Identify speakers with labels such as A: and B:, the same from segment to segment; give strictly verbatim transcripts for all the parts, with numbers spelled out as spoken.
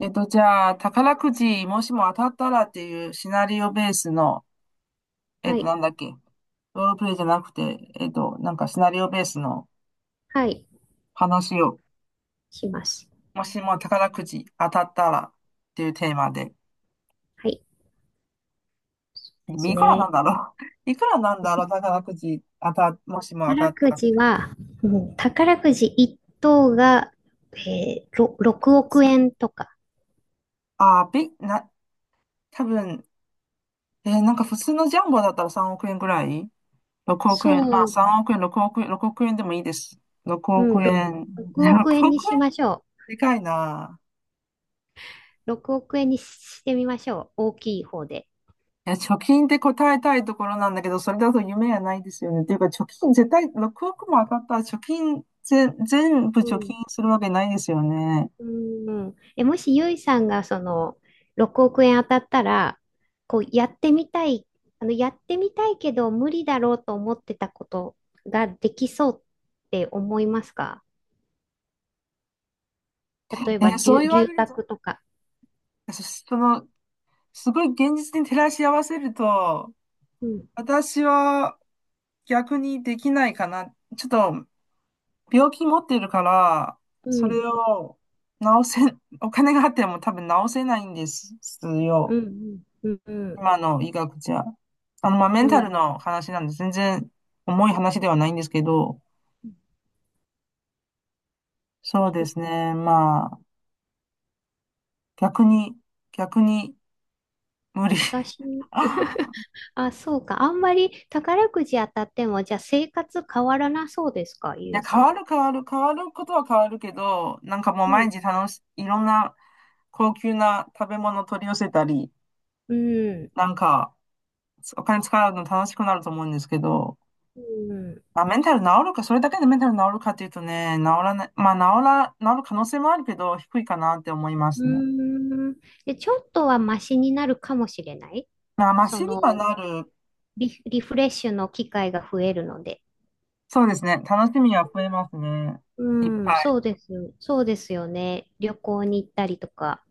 A: えっと、じゃあ、宝くじ、もしも当たったらっていうシナリオベースの、えっ
B: は
A: と、
B: い。
A: なんだっけ、ロールプレイじゃなくて、えっと、なんかシナリオベースの
B: はい。
A: 話を、
B: します。
A: もしも宝くじ当たったらっていうテーマで、
B: はい。です
A: いくらな
B: ね。
A: んだろう。 いくらなんだろう、宝くじ当た、もしも当た
B: 宝
A: っ
B: く
A: たっ
B: じ
A: て、
B: は、うん、宝くじ一等が、えー、ろろくおく
A: す
B: 円とか。
A: あー、び、な、多分、えーなんか普通のジャンボだったらさんおく円ぐらい、 ろく 億
B: そ
A: 円。まあ
B: う、
A: さんおく円、ろくおく円、ろくおく円でもいいです。6
B: う
A: 億
B: ん、ろ
A: 円。
B: ろくおく
A: 6
B: 円に
A: 億
B: し
A: 円、
B: ましょ
A: でかいな。
B: う。ろくおく円にしてみましょう。大きい方で。
A: いや、貯金って答えたいところなんだけど、それだと夢がないですよね。っていうか、貯金絶対、ろくおくも当たったら貯金、ぜ、全部
B: う
A: 貯
B: ん。
A: 金するわけないですよね。
B: うん。え、もしゆいさんがそのろくおく円当たったら、こうやってみたい、あの、やってみたいけど無理だろうと思ってたことができそうって思いますか？例え
A: え
B: ば
A: ーそう
B: 留、
A: 言わ
B: 留
A: れる
B: 学とか。
A: と、そその、すごい現実に照らし合わせると、
B: うん、
A: 私は逆にできないかな。ちょっと、病気持っているから、
B: う
A: それ
B: ん、
A: を治せ、お金があっても多分治せないんですよ。
B: うん、うん、うん、
A: 今の医学じゃ。あの、まあ、メ
B: う
A: ンタル
B: ん。
A: の話なんで、全然重い話ではないんですけど、
B: うん、
A: そう
B: そ
A: で
B: う
A: す
B: か。
A: ね。まあ、逆に、逆に無理。い
B: 私、あ、そうか。あんまり宝くじ当たっても、じゃあ生活変わらなそうですか、ゆ
A: や、
B: いさ
A: 変
B: ん
A: わ
B: は。
A: る変わる、変わることは変わるけど、なんかもう
B: う
A: 毎
B: ん、
A: 日楽し、いろんな高級な食べ物取り寄せたり、
B: うん、
A: なんか、お金使うの楽しくなると思うんですけど、
B: うん、
A: まあ、メンタル治るか、それだけでメンタル治るかっていうとね、治らない、まあ、治ら、治る可能性もあるけど、低いかなって思いま
B: うー
A: すね。
B: ん。で、ちょっとはマシになるかもしれない。
A: まあ、マ
B: そ
A: シには
B: の、
A: なる。
B: リ、リフレッシュの機会が増えるので。
A: そうですね。楽しみは増えますね。
B: う
A: いっぱ
B: ん、そ
A: い。
B: うです。そうですよね。旅行に行ったりとか。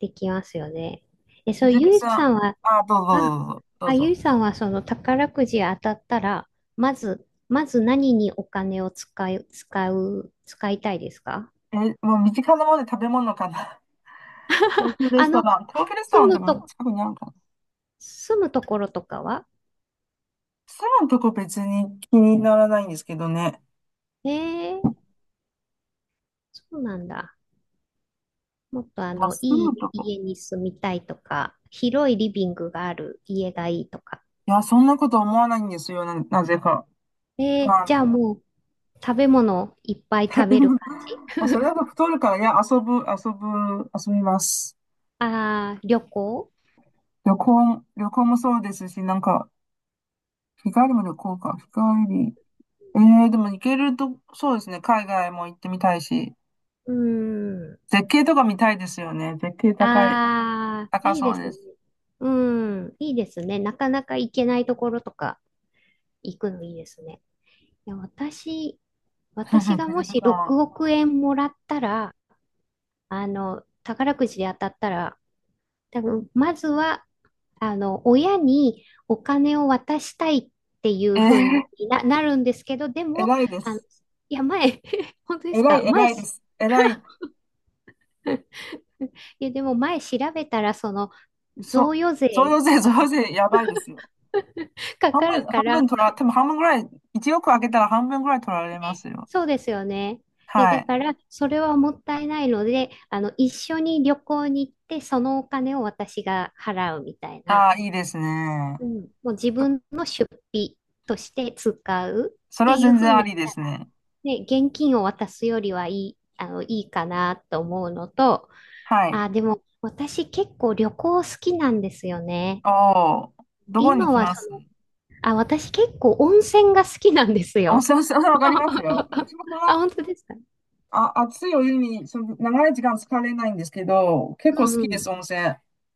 B: できますよね。え、そ
A: し
B: う、
A: ずる
B: ゆい
A: さん。
B: さんは、
A: あ、どうぞ
B: あ、
A: どうぞど
B: あ、
A: う
B: ゆ
A: ぞ。
B: いさんはその宝くじ当たったら、まず、まず何にお金を使い、使う、使いたいですか？
A: どうぞえ、もう身近なもので食べ物かな。高級レ
B: あ
A: スト
B: の、
A: ラン。高級レストラ
B: 住
A: ンで
B: む
A: も
B: と、
A: 近くにあるかな。
B: 住むところとかは？
A: 住むとこ別に気にならないんですけどね。
B: ええ、そうなんだ。もっとあ
A: まあ、
B: の、
A: 住
B: い
A: む
B: い
A: とこ。
B: 家に住みたいとか、広いリビングがある家がいいとか。
A: いや、そんなこと思わないんですよ。な、なぜか。
B: えー、
A: ま
B: じゃあ
A: あ、
B: もう、食べ物いっぱい食
A: 食べ
B: べる
A: 物。
B: 感じ？
A: まあ、それだと太るから、いや、遊ぶ、遊ぶ、遊びます。
B: ああー、旅行？
A: 旅行、旅行もそうですし、なんか、日帰りも旅行か。日帰り。ええでも行けると、そうですね。海外も行ってみたいし、
B: うーん。
A: 絶景とか見たいですよね。絶景高い、
B: ああ、
A: 高
B: いいで
A: そう
B: す
A: で
B: ね。
A: す。
B: うん、いいですね。なかなか行けないところとか行くのいいですね。いや、私、
A: 手
B: 私がも
A: 塚
B: し
A: さん
B: 6
A: は。
B: 億円もらったら、あの、宝くじで当たったら、多分、まずは、あの、親にお金を渡したいってい
A: え
B: うふうに
A: え
B: な、なるんですけど、でも、
A: 偉いで
B: あの、
A: す。
B: いや、前、本当です
A: 偉
B: か？
A: い、
B: 前
A: 偉いで
B: し、
A: す。偉い。
B: いや、でも前調べたら、その、贈
A: そ、
B: 与
A: そ
B: 税
A: よ税、そよ税、やばいですよ。
B: か
A: 半
B: かる
A: 分、半
B: か
A: 分
B: ら、
A: 取ら、でも半分ぐらい、いちおくあげたら半分ぐらい取られま
B: ね、
A: すよ。
B: そうですよね。いや、
A: は
B: だ
A: い。
B: から、それはもったいないので、あの、一緒に旅行に行って、そのお金を私が払うみたいな。
A: ああ、いいですね。
B: うん。もう自分の出費として使う
A: そ
B: っ
A: れ
B: て
A: は
B: いう
A: 全
B: ふう
A: 然あ
B: に
A: り
B: し
A: で
B: たら、
A: すね。
B: ね、現金を渡すよりはいい、あの、いいかなと思うのと、
A: はい。
B: あ、でも、私結構旅行好きなんですよね。
A: おお、どこに
B: 今
A: 来
B: は
A: ま
B: そ
A: す。
B: の、あ、私結構温泉が好きなんです
A: 温
B: よ。
A: 泉、温泉わかりますよ。私もその
B: あ、本当ですか？
A: あ、熱いお湯にその長い時間浸かれないんですけど、結構好
B: う
A: き
B: んう
A: です、
B: ん。
A: 温泉。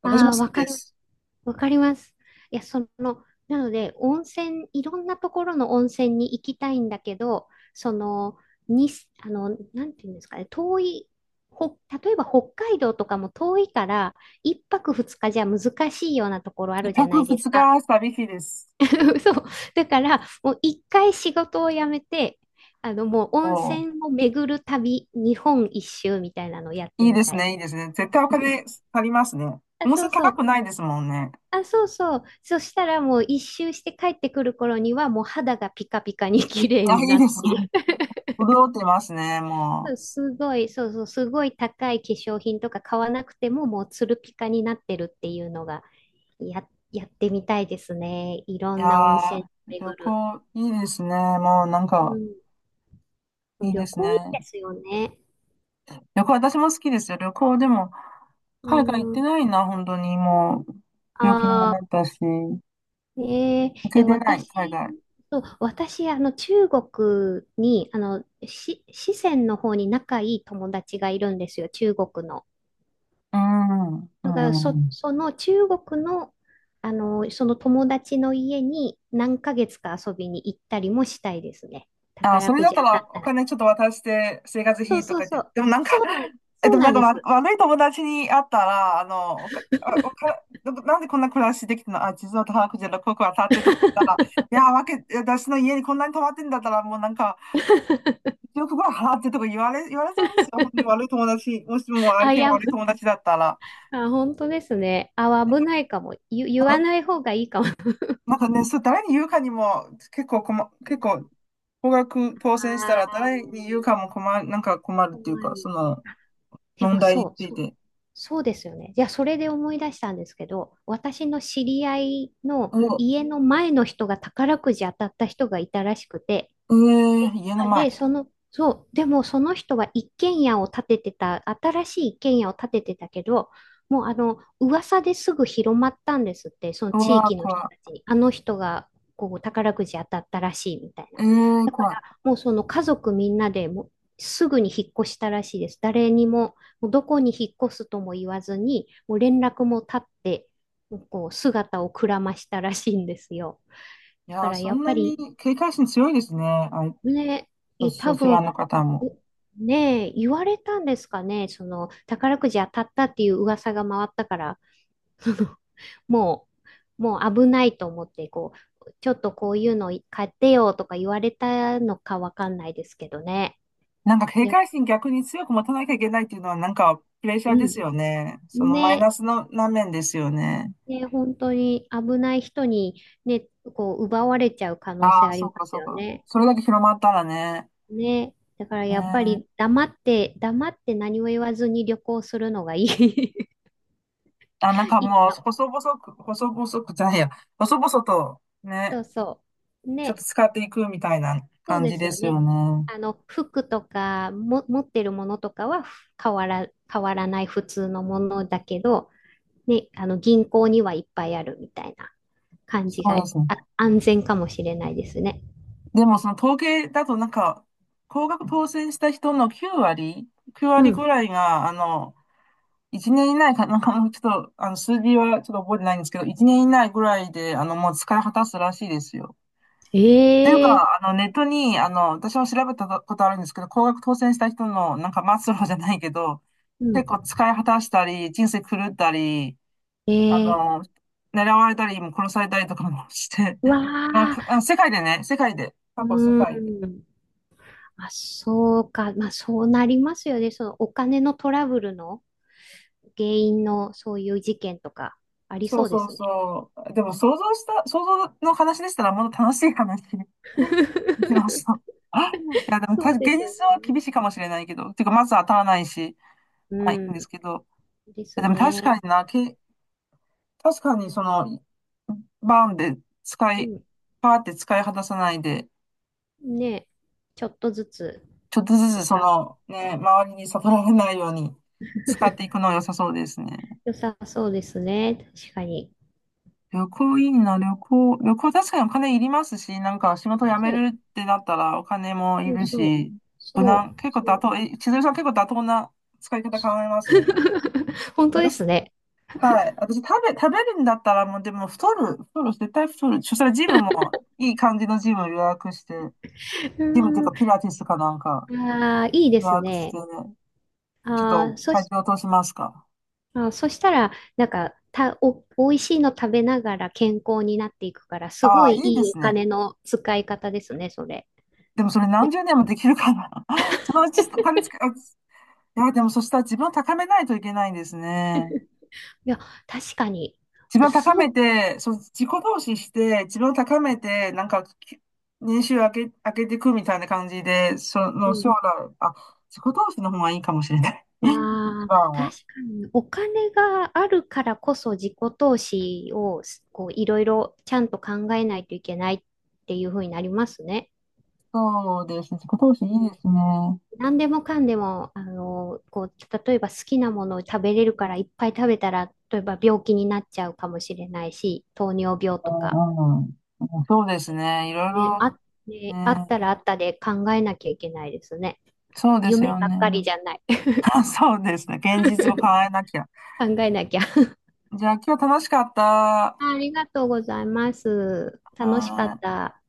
A: 私
B: あ
A: も
B: あ、
A: 好
B: わ
A: き
B: か
A: で
B: ります。
A: す。
B: わかります。いや、その、なので、温泉、いろんなところの温泉に行きたいんだけど、その、に、あの、なんていうんですかね、遠い、ほ、例えば北海道とかも遠いから、いっぱくふつかじゃ難しいようなところあ
A: 一
B: るじゃない
A: 泊二
B: ですか。
A: 日旅費です。
B: そう。だから、もういっかい仕事を辞めて、あの、もう温
A: おー、
B: 泉を巡る旅、日本一周みたいなのをやっ
A: い
B: て
A: い
B: み
A: です
B: たい。
A: ね、いいですね。絶対お金足りますね。
B: あ、
A: 温
B: そう
A: 泉
B: そ
A: 高
B: う。
A: くないですもんね。
B: あ、そうそう。そしたらもう一周して帰ってくる頃にはもう肌がピカピカに綺麗
A: あ、
B: に
A: いい
B: なっ
A: で
B: て
A: すね。
B: い る。
A: 潤ってますね、
B: そ
A: も
B: うすごい、そうそう、すごい高い化粧品とか買わなくてももうツルピカになってるっていうのがや、やってみたいですね。いろ
A: う。いや
B: んな温泉
A: ー、旅
B: 巡る。
A: 行いいですね。もうなん
B: う
A: か、
B: ん、
A: いい
B: 旅
A: です
B: 行いいで
A: ね。
B: すよね。
A: 旅行、私も好きですよ。旅行でも、
B: う
A: 海外行って
B: ん、
A: ないな、本当に。もう、病気にも
B: あ
A: なっ
B: あ。
A: たし、行
B: ええ
A: け
B: え、
A: てない、海
B: 私、
A: 外。
B: そう、私、あの、中国に、あの、し、四川の方に仲いい友達がいるんですよ、中国の。
A: うん、
B: だから、
A: う
B: そ、
A: ん。
B: その中国の、あの、その友達の家になんかげつか遊びに行ったりもしたいですね。
A: あ、
B: 宝
A: それ
B: く
A: だっ
B: じ
A: た
B: 当た
A: ら
B: った
A: お
B: ら。
A: 金ちょっと渡して生活
B: そう
A: 費と
B: そう
A: かっ
B: そ
A: て、
B: う。
A: でもなんか
B: そうなん、
A: え、
B: そ
A: で
B: う
A: も
B: な
A: なん
B: ん
A: か
B: で
A: わ
B: す。
A: 悪い友達に会ったら、あの、おか、あおか、なんでこんな暮らしできたのあ、実は高くじゃなく、ここは立ってとか言ったら、いや、わけ、私の家にこんなに泊まってんだったら、もうなんか、よくご飯払ってとか言われ、言われそうですよ。本当に悪い友達、もしも 相
B: あ、い
A: 手が
B: や、
A: 悪い友達だったら。
B: あ、本当ですね。あ、危ないかも。言、言わない方がいいかも。
A: なんかね、そう、誰に言うかにも結構困、結構、高額当選した
B: あ
A: ら
B: あ、
A: 誰に言うかも困る、なんか困るっ
B: 怖
A: ていうか、そ
B: い。
A: の
B: で
A: 問
B: も
A: 題に
B: そう、
A: つい
B: そう、
A: て。
B: そうですよね。じゃあ、それで思い出したんですけど、私の知り合いの
A: お、
B: 家の前の人が宝くじ当たった人がいたらしくて、
A: えー、家の
B: あ
A: 前。
B: で、その、そう、でもその人は一軒家を建ててた、新しい一軒家を建ててたけど、もうあの、噂ですぐ広まったんですって、その
A: う
B: 地
A: わー、
B: 域の人
A: 怖
B: たちに。あの人が、こう、宝くじ当たったらしいみたいな。
A: い。えー、
B: だか
A: 怖い。
B: ら、もうその家族みんなでもう、すぐに引っ越したらしいです。誰にも、もうどこに引っ越すとも言わずに、もう連絡も絶って、こう、姿をくらましたらしいんですよ。
A: い
B: だか
A: やー、
B: ら、
A: そ
B: やっ
A: ん
B: ぱ
A: なに
B: り、
A: 警戒心強いですね。あい、
B: ね、
A: そ、
B: え多
A: そちら
B: 分
A: の方も。
B: ねえ、言われたんですかね、その宝くじ当たったっていう噂が回ったから、そのもう、もう危ないと思って、こう、ちょっとこういうの買ってよとか言われたのかわかんないですけどね。
A: なんか警
B: で、
A: 戒心逆に強く持たなきゃいけないっていうのはなんかプレッシャ
B: う
A: ーです
B: ん。
A: よね。そのマイ
B: ね、
A: ナスのな面ですよね。
B: ね、本当に危ない人にね、こう奪われちゃう可能性
A: ああ、
B: あり
A: そ
B: ま
A: うか
B: す
A: そう
B: よ
A: か。
B: ね。
A: それだけ広まったらね。
B: ね。だから
A: ね
B: やっぱ
A: え。
B: り黙って、黙って何も言わずに旅行するのがいい。
A: あ、なんか
B: いい
A: もう
B: と。
A: 細々く、細々くじゃないや、細々と
B: そ
A: ね、
B: うそう。
A: ちょっ
B: ね。
A: と使っていくみたいな
B: そう
A: 感
B: で
A: じ
B: す
A: で
B: よ
A: す
B: ね。
A: よね。
B: あの、服とかも、持ってるものとかは変わら、変わらない普通のものだけど、ね、あの、銀行にはいっぱいあるみたいな感
A: そ
B: じ
A: う
B: が、
A: ですね。
B: あ、安全かもしれないですね。
A: でもその統計だとなんか、高額当選した人のきゅう割、きゅう
B: う
A: 割ぐ
B: ん。
A: らいが、あの、一年以内か、なんかもうちょっと、あの、数字はちょっと覚えてないんですけど、一年以内ぐらいで、あの、もう使い果たすらしいですよ。っていう
B: ええ、
A: か、あの、ネットに、あの、私も調べたことあるんですけど、高額当選した人の、なんか末路じゃないけど、
B: うん。
A: 結構使い果たしたり、人生狂ったり、
B: え
A: あの、
B: え、
A: 狙われたり、も殺されたりとかもして、
B: わ
A: まあ、かあ
B: あ、
A: の世界でね、世界で、過去世
B: う
A: 界で
B: ん。あ、そうか。まあ、そうなりますよね。そのお金のトラブルの原因のそういう事件とかあり
A: そ
B: そ
A: う
B: うで
A: そう
B: すね。
A: そう。でも想像した、想像の話でしたらもっと楽しい話 できました。あいや、でも
B: そう
A: 確
B: で
A: か現
B: す
A: 実は厳
B: ね。
A: しいかもしれないけど、てかまず当たらないし、
B: う
A: まあいいんで
B: ん。
A: すけど、
B: で
A: い
B: す
A: やでも確
B: ね。
A: かにな、け、確かにその、バーンで使
B: う
A: い、
B: ん。
A: パーって使い果たさないで、
B: ね。ちょっとずつ、
A: ちょっとず
B: そ
A: つ
B: っ
A: そ
B: か。
A: の、ね、周りに悟られないように使っていくのは良さそうですね。
B: 良さそうですね。確かに。
A: 旅行いいな、旅行。旅行確かにお金いりますし、なんか仕事辞め
B: そう。
A: るってなったらお金もい
B: そう
A: る
B: そう。
A: し、無
B: そ
A: 難。
B: う。
A: 結構
B: そ
A: 妥
B: う
A: 当、え、千鶴さん結構妥当な使い方考
B: そう
A: えますね。
B: 本当で
A: 私、
B: すね。
A: はい。私食べ、食べるんだったらもうでも太る、太る、絶対太る。そしたらジムも いい感じのジムを予約して、
B: う
A: ジムっていう
B: ー
A: かピ
B: ん。
A: ラティスかなんか
B: あーいいで
A: 予
B: す
A: 約し
B: ね。
A: てね、ちょっ
B: あー
A: と
B: そ
A: 体
B: し、
A: 重落としますか。
B: あー、そしたら、なんか、た、お、美味しいの食べながら健康になっていくから、す
A: あ
B: ご
A: あ、い
B: い
A: いで
B: いい
A: す
B: お
A: ね。
B: 金の使い方ですね、それ。
A: でもそれ
B: い
A: 何
B: や、
A: 十年もできるかな。そのうちお金つけ、あいや、でもそしたら自分を高めないといけないんですね。
B: いや確かに。
A: 自分を高め
B: そ
A: て、そう、自己投資して、自分を高めて、なんか、き年収上げ、上げていくみたいな感じで、そ
B: う、
A: の、
B: う
A: 将
B: ん。
A: 来、あ、自己投資の方がいいかもしれない。一
B: ああ、
A: 番
B: 確
A: は。
B: かに、お金があるからこそ自己投資をすこういろいろちゃんと考えないといけないっていう風になりますね。
A: そうですね。自己投資いいですね。
B: 何でもかんでも、あの、こう、例えば好きなものを食べれるからいっぱい食べたら、例えば病気になっちゃうかもしれないし、糖尿病と
A: う
B: か、
A: んうん。そうですね。いろい
B: ね、
A: ろ、
B: あ、ね、あっ
A: ね。
B: たらあったで考えなきゃいけないですね。
A: そうです
B: 夢
A: よ
B: ばっかり
A: ね。
B: じゃない。
A: そうですね。現実を 変えなきゃ。
B: 考えなきゃ。
A: じゃあ今日楽しかった。は
B: ありがとうございます。
A: ー
B: 楽しかっ
A: い
B: た。